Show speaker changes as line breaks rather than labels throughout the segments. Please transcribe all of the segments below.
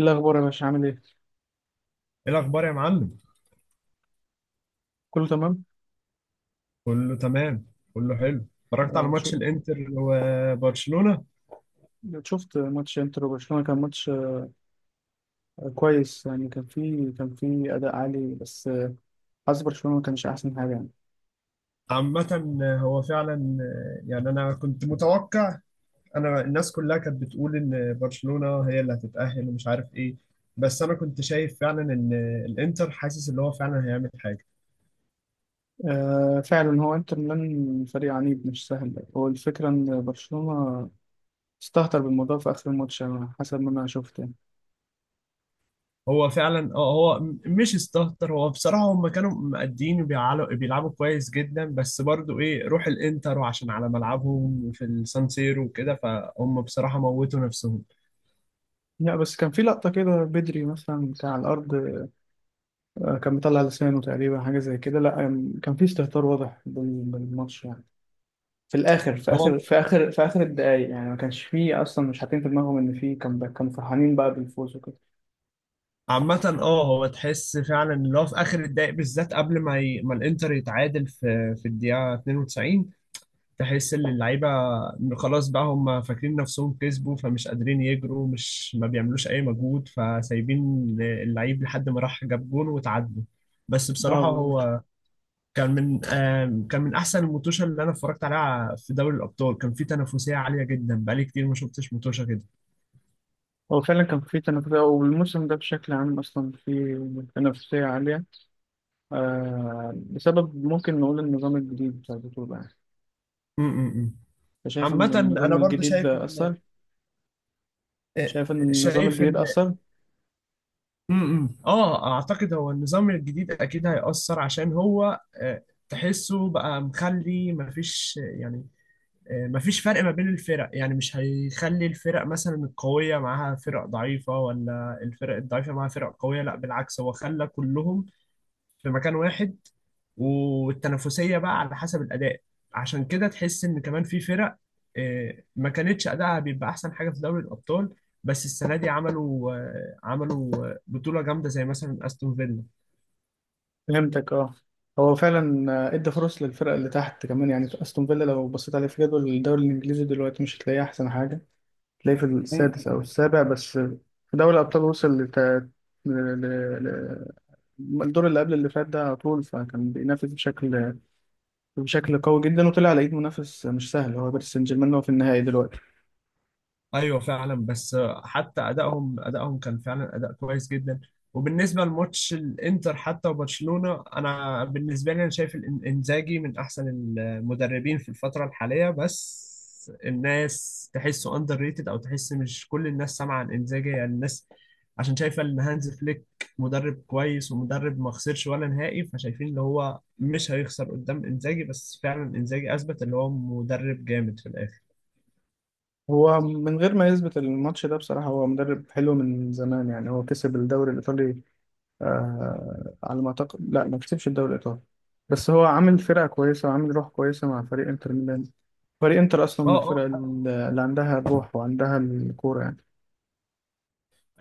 إيه الأخبار يا باشا عامل إيه؟
ايه الاخبار يا معلم.
كله تمام؟
كله تمام. كله حلو، اتفرجت على
آه، شو-
ماتش الانتر وبرشلونة.
شفت ماتش إنتر وبرشلونة، كان ماتش كويس يعني. كان فيه أداء عالي، بس حظ برشلونة ما كانش أحسن حاجة يعني.
عامة هو فعلا. يعني انا كنت متوقع، الناس كلها كانت بتقول ان برشلونة هي اللي هتتأهل ومش عارف ايه. بس انا كنت شايف فعلا ان الانتر حاسس ان هو فعلا هيعمل حاجة.
آه، فعلا هو إنتر ميلان فريق عنيد مش سهل. هو الفكرة إن برشلونة استهتر بالموضوع في آخر الماتش على حسب ما أنا شفت يعني.
هو فعلا، هو مش استهتر. هو بصراحة هم كانوا مقدين وبيعلوا- بيلعبوا كويس جدا، بس برضو ايه روح الانتر، وعشان على ملعبهم في السان سيرو وكده، فهم بصراحة موتوا نفسهم.
لا بس كان في لقطة كده بدري، مثلا كان على الأرض، آه، كان مطلع لسانه تقريبا، حاجة زي كده. لا آه، كان في استهتار واضح بالماتش يعني، في الاخر، في
هو
اخر في اخر في اخر الدقايق يعني، ما كانش فيه اصلا، مش حاطين في دماغهم ان فيه، كان كانوا فرحانين بقى بالفوز وكده.
عامة، هو تحس فعلا اللي هو في اخر الدقايق بالذات قبل ما الانتر يتعادل في الدقيقة 92. تحس ان اللعيبة خلاص بقى، هم فاكرين نفسهم كسبوا فمش قادرين يجروا، مش ما بيعملوش اي مجهود، فسايبين اللعيب لحد ما راح جاب جون وتعادلوا. بس
اه،
بصراحة
بالظبط.
هو كان من كان من احسن الموتوشة اللي انا اتفرجت عليها في دوري الابطال. كان في تنافسية عالية جدا، بقالي كتير ما شفتش موتوشة كده.
هو فعلا كان فيه تنافسية، والموسم ده بشكل عام أصلا فيه تنافسية عالية. آه، بسبب ممكن نقول النظام الجديد بتاع البطولة يعني.
م- م- م.
أنت شايف إن
عامة أنا
النظام
برضو
الجديد
شايف،
ده أثر؟
آه،
شايف إن النظام
شايف
الجديد
ان
أثر؟
م- م. اه اعتقد هو النظام الجديد اكيد هيأثر، عشان هو تحسه بقى مخلي مفيش، يعني مفيش فرق ما بين الفرق، يعني مش هيخلي الفرق مثلا القوية معاها فرق ضعيفة، ولا الفرق الضعيفة معاها فرق قوية، لا بالعكس هو خلى كلهم في مكان واحد، والتنافسية بقى على حسب الأداء. عشان كده تحس إن كمان في فرق ما كانتش أداءها بيبقى أحسن حاجة في دوري الأبطال، بس السنة دي عملوا بطولة جامدة زي مثلا أستون
فهمتك، أه. هو فعلا آه، ادى فرص للفرق اللي تحت كمان يعني. أستون فيلا لو بصيت عليه في جدول الدوري الإنجليزي دلوقتي، مش هتلاقيه أحسن حاجة، تلاقيه في
فيلا.
السادس أو السابع، بس في دوري الأبطال وصل لت... ل... ل... ل... الدور اللي قبل اللي فات ده على طول، فكان بينافس بشكل قوي جدا، وطلع على إيد منافس مش سهل هو باريس سان جيرمان، هو في النهائي دلوقتي.
ايوه فعلا بس، حتى ادائهم كان فعلا اداء كويس جدا. وبالنسبه لماتش الانتر حتى وبرشلونه، انا بالنسبه لي انا شايف انزاجي من احسن المدربين في الفتره الحاليه، بس الناس تحسه اندر ريتد، او تحس مش كل الناس سامعه عن انزاجي، يعني الناس عشان شايفه ان هانز فليك مدرب كويس ومدرب ما خسرش ولا نهائي، فشايفين ان هو مش هيخسر قدام انزاجي، بس فعلا انزاجي اثبت ان هو مدرب جامد في الاخر.
هو من غير ما يثبت الماتش ده بصراحة، هو مدرب حلو من زمان يعني. هو كسب الدوري الإيطالي، آه على ما أعتقد. لا، ما كسبش الدوري الإيطالي، بس هو عامل فرقة كويسة وعامل روح كويسة مع فريق إنتر ميلان. فريق إنتر أصلا من الفرق
اه
اللي عندها الروح وعندها الكورة يعني.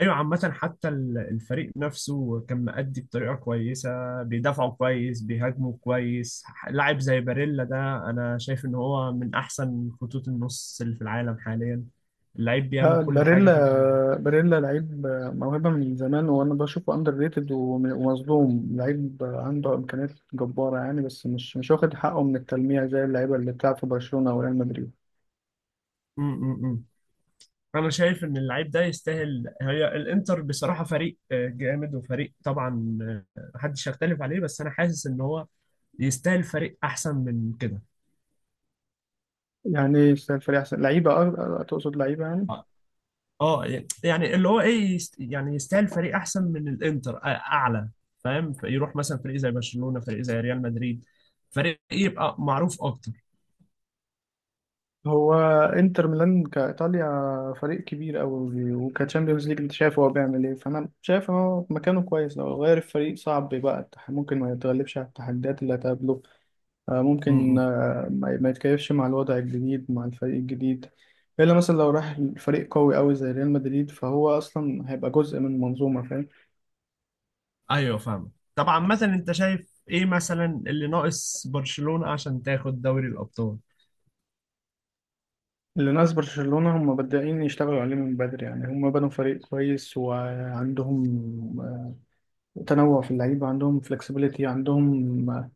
ايوه عامة، حتى الفريق نفسه كان مأدي بطريقة كويسة، بيدافعوا كويس، بيهاجموا كويس. لاعب زي باريلا ده، انا شايف ان هو من احسن خطوط النص اللي في العالم حاليا، اللعيب بيعمل
لا،
كل حاجة
باريلا،
في الملعب.
باريلا لعيب موهبة من زمان، وأنا بشوفه أندر ريتد ومظلوم. لعيب عنده إمكانيات جبارة يعني، بس مش واخد حقه من التلميع زي اللعيبة اللي بتلعب في برشلونة أو ريال مدريد.
م- م- م. انا شايف ان اللعيب ده يستاهل. هي الانتر بصراحة فريق جامد، وفريق طبعا محدش يختلف عليه، بس انا حاسس ان هو يستاهل فريق احسن من كده.
يعني يستاهل فريق أحسن لعيبة، أه أه، تقصد لعيبة يعني.
اه، يعني اللي هو ايه، يعني يستاهل فريق احسن من الانتر، اعلى، فاهم، يروح مثلا فريق زي برشلونة، فريق زي ريال مدريد، فريق يبقى معروف اكتر.
هو إنتر ميلان كإيطاليا فريق كبير أوي، وكتشامبيونز ليج أنت شايف هو بيعمل إيه. فأنا شايف إن هو مكانه كويس، لو غير الفريق صعب بقى ممكن ما يتغلبش على التحديات اللي هتقابله،
م-
ممكن
م.
ما يتكيفش مع الوضع الجديد، مع الفريق الجديد، إلا مثلا لو راح فريق قوي أوي زي ريال مدريد، فهو أصلا هيبقى جزء من منظومة، فاهم.
ايوه فاهم طبعا. مثلا انت شايف ايه مثلا اللي ناقص برشلونة عشان تاخد دوري الابطال؟
اللي ناس برشلونة هم بادئين يشتغلوا عليه من بدري يعني، هم بنوا فريق كويس، وعندهم آه، تنوع في اللعيبة، عندهم فlexibility، عندهم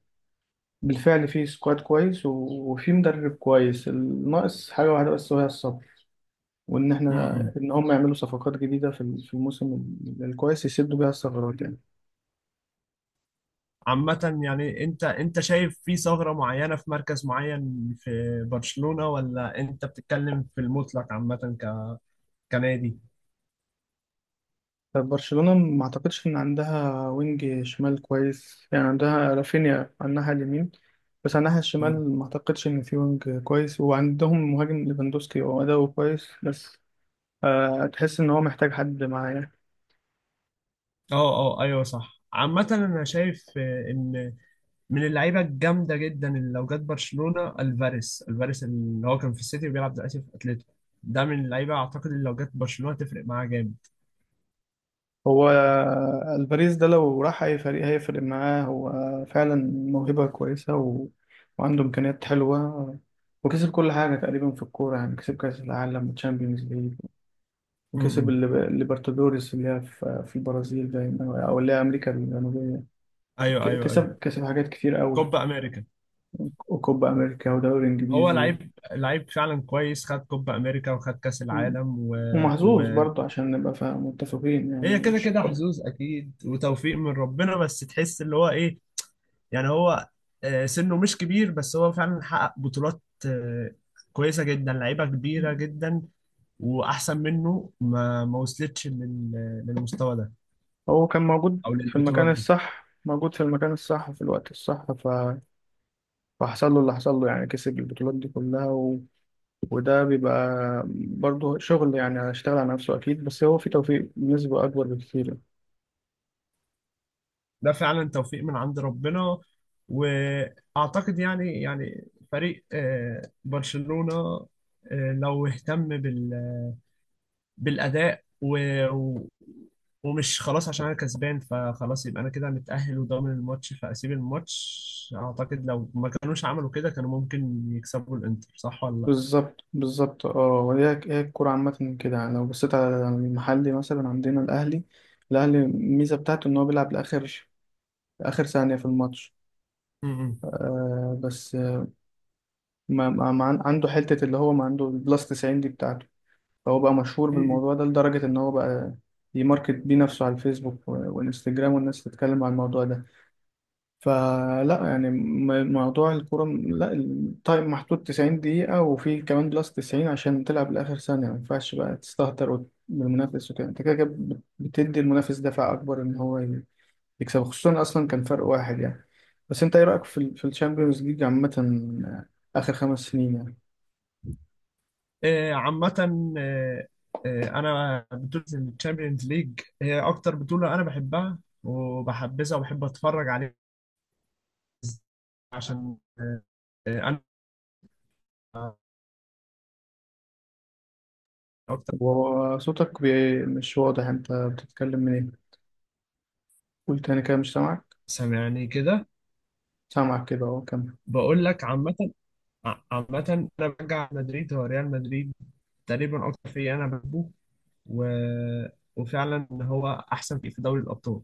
بالفعل في سكواد كويس، وفي مدرب كويس. الناقص حاجة واحدة بس، وهي الصبر، وإن
م-
إحنا،
م.
إن هم يعملوا صفقات جديدة في الموسم الكويس، يسدوا بيها الثغرات يعني.
عامة يعني انت شايف في ثغرة معينة في مركز معين في برشلونة، ولا انت بتتكلم في المطلق عامة كنادي؟
طب برشلونة ما اعتقدش ان عندها وينج شمال كويس يعني، عندها رافينيا على الناحية اليمين، بس على الناحية الشمال ما اعتقدش ان في وينج كويس، وعندهم مهاجم ليفاندوسكي، هو اداؤه كويس، بس تحس ان هو محتاج حد معاه يعني.
اه اه ايوه صح. عامة انا شايف ان من اللعيبة الجامدة جدا اللي لو جت برشلونة الفاريس، اللي هو كان في السيتي وبيلعب دلوقتي في اتلتيكو، ده من اللعيبة اعتقد اللي لو جت برشلونة تفرق معاه جامد.
هو الباريس ده لو راح اي فريق هيفرق معاه، هو فعلا موهبة كويسة، وعنده امكانيات حلوة، وكسب كل حاجة تقريبا في الكورة يعني، كسب كأس العالم وتشامبيونز ليج،
م-
وكسب
م.
الليبرتادوريس اللي هي في البرازيل دايما، او اللي هي امريكا الجنوبيه.
ايوه
ك-
ايوه ايوه.
كسب كسب حاجات كتير قوي،
كوبا امريكا.
وكوبا امريكا ودوري
هو
انجليزي،
لعيب، لعيب فعلا كويس، خد كوبا امريكا وخد كاس
و-
العالم
ومحظوظ
و...
برضه، عشان نبقى متفقين يعني،
هي
هو
كده
مش،
كده حظوظ اكيد وتوفيق من ربنا، بس تحس اللي هو ايه، يعني هو سنه مش كبير، بس هو فعلا حقق بطولات كويسة جدا، لعيبة كبيرة جدا، وأحسن منه ما ما وصلتش للمستوى ده،
هو كان موجود
أو
في
للبطولات
المكان
دي.
الصح، موجود في المكان الصح وفي الوقت الصح، فحصل له اللي حصل له يعني، كسب البطولات دي كلها، وده بيبقى برضه شغل يعني، هيشتغل على نفسه أكيد، بس هو في توفيق بنسبة أكبر بكتير.
ده فعلا توفيق من عند ربنا. وأعتقد يعني فريق برشلونة، لو اهتم بالاداء و... ومش خلاص عشان انا كسبان فخلاص يبقى انا كده متاهل وضامن الماتش فاسيب الماتش. اعتقد لو ما كانوش عملوا كده كانوا ممكن يكسبوا الانتر، صح ولا لا؟
بالظبط، بالظبط. اه، هي هي الكورة عامة كده يعني. لو بصيت على المحلي مثلا عندنا الأهلي، الأهلي الميزة بتاعته إن هو بيلعب لآخر، آخر ثانية في الماتش.
م- م.
آه، بس آه، ما, ما ما عن- عنده حتة اللي هو ما عنده البلس 90 دي بتاعته، فهو بقى مشهور
م- م.
بالموضوع ده لدرجة إن هو بقى يماركت بيه نفسه على الفيسبوك وإنستجرام، والناس تتكلم عن الموضوع ده. فلا يعني موضوع الكورة، لا التايم محدود 90 دقيقة، وفي كمان بلس 90 عشان تلعب لآخر ثانية. ما ينفعش بقى تستهتر بالمنافس وكده، انت كده بتدي المنافس دفع أكبر إن هو يكسب، خصوصا أصلا كان فرق واحد يعني. بس أنت إيه رأيك في في الشامبيونز ليج عامة، آخر 5 سنين يعني؟
آه، عامه، آه، انا بطوله الشامبيونز ليج هي اكتر بطوله انا بحبها وبحبذها وبحب اتفرج عليها. عشان انا اكتر.
وصوتك مش واضح، أنت بتتكلم من إيه؟ قول تاني كده، مش سامعك.
سامعني كده.
سامعك كده أهو، كمل.
بقول لك عامه، عامه انا بشجع مدريد، هو ريال مدريد تقريبا اكتر فريق انا بحبه. و... وفعلا هو احسن فريق في دوري الابطال.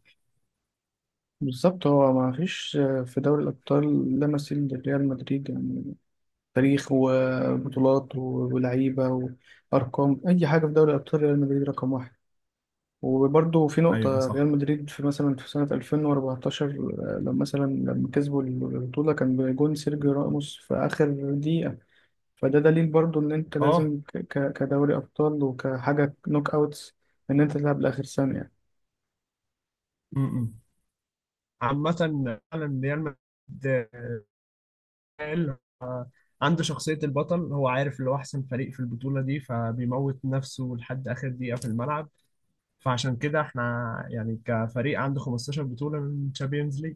بالظبط، هو ما فيش في دوري الأبطال لا مثيل لريال مدريد يعني، تاريخ وبطولات ولعيبة وأرقام، أي حاجة في دوري الأبطال ريال مدريد رقم واحد. وبرضه في
ايوه
نقطة،
صح.
ريال مدريد في مثلا في سنة 2014، آه، لما مثلا لما كسبوا البطولة كان بجون سيرجيو راموس في آخر دقيقة، فده دليل برضه إن أنت
اه
لازم كدوري أبطال وكحاجة نوك أوتس، إن أنت تلعب لآخر ثانية.
م- م. عامة فعلا ريال مدريد، آه، آه، عنده شخصية البطل، هو عارف اللي هو أحسن فريق في البطولة دي، فبيموت نفسه لحد آخر دقيقة في الملعب. فعشان كده احنا، يعني كفريق عنده 15 بطولة من تشامبيونز ليج.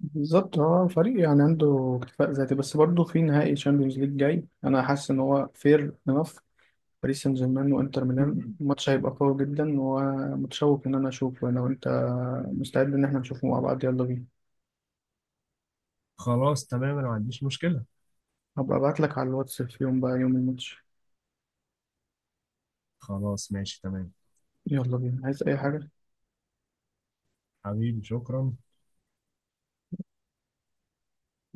بالظبط، هو فريق يعني عنده اكتفاء ذاتي، بس برضه في نهائي تشامبيونز ليج جاي، انا حاسس ان هو فير انف. باريس سان جيرمان وانتر
م- م.
ميلان، الماتش هيبقى قوي جدا، ومتشوق ان انا اشوفه، لو انت مستعد ان احنا نشوفه مع بعض، يلا بينا.
خلاص تمام أنا ما عنديش مشكلة.
هبقى ابعت لك على الواتس في يوم، بقى يوم الماتش.
خلاص ماشي تمام.
يلا بينا، عايز اي حاجة؟
حبيبي شكرا.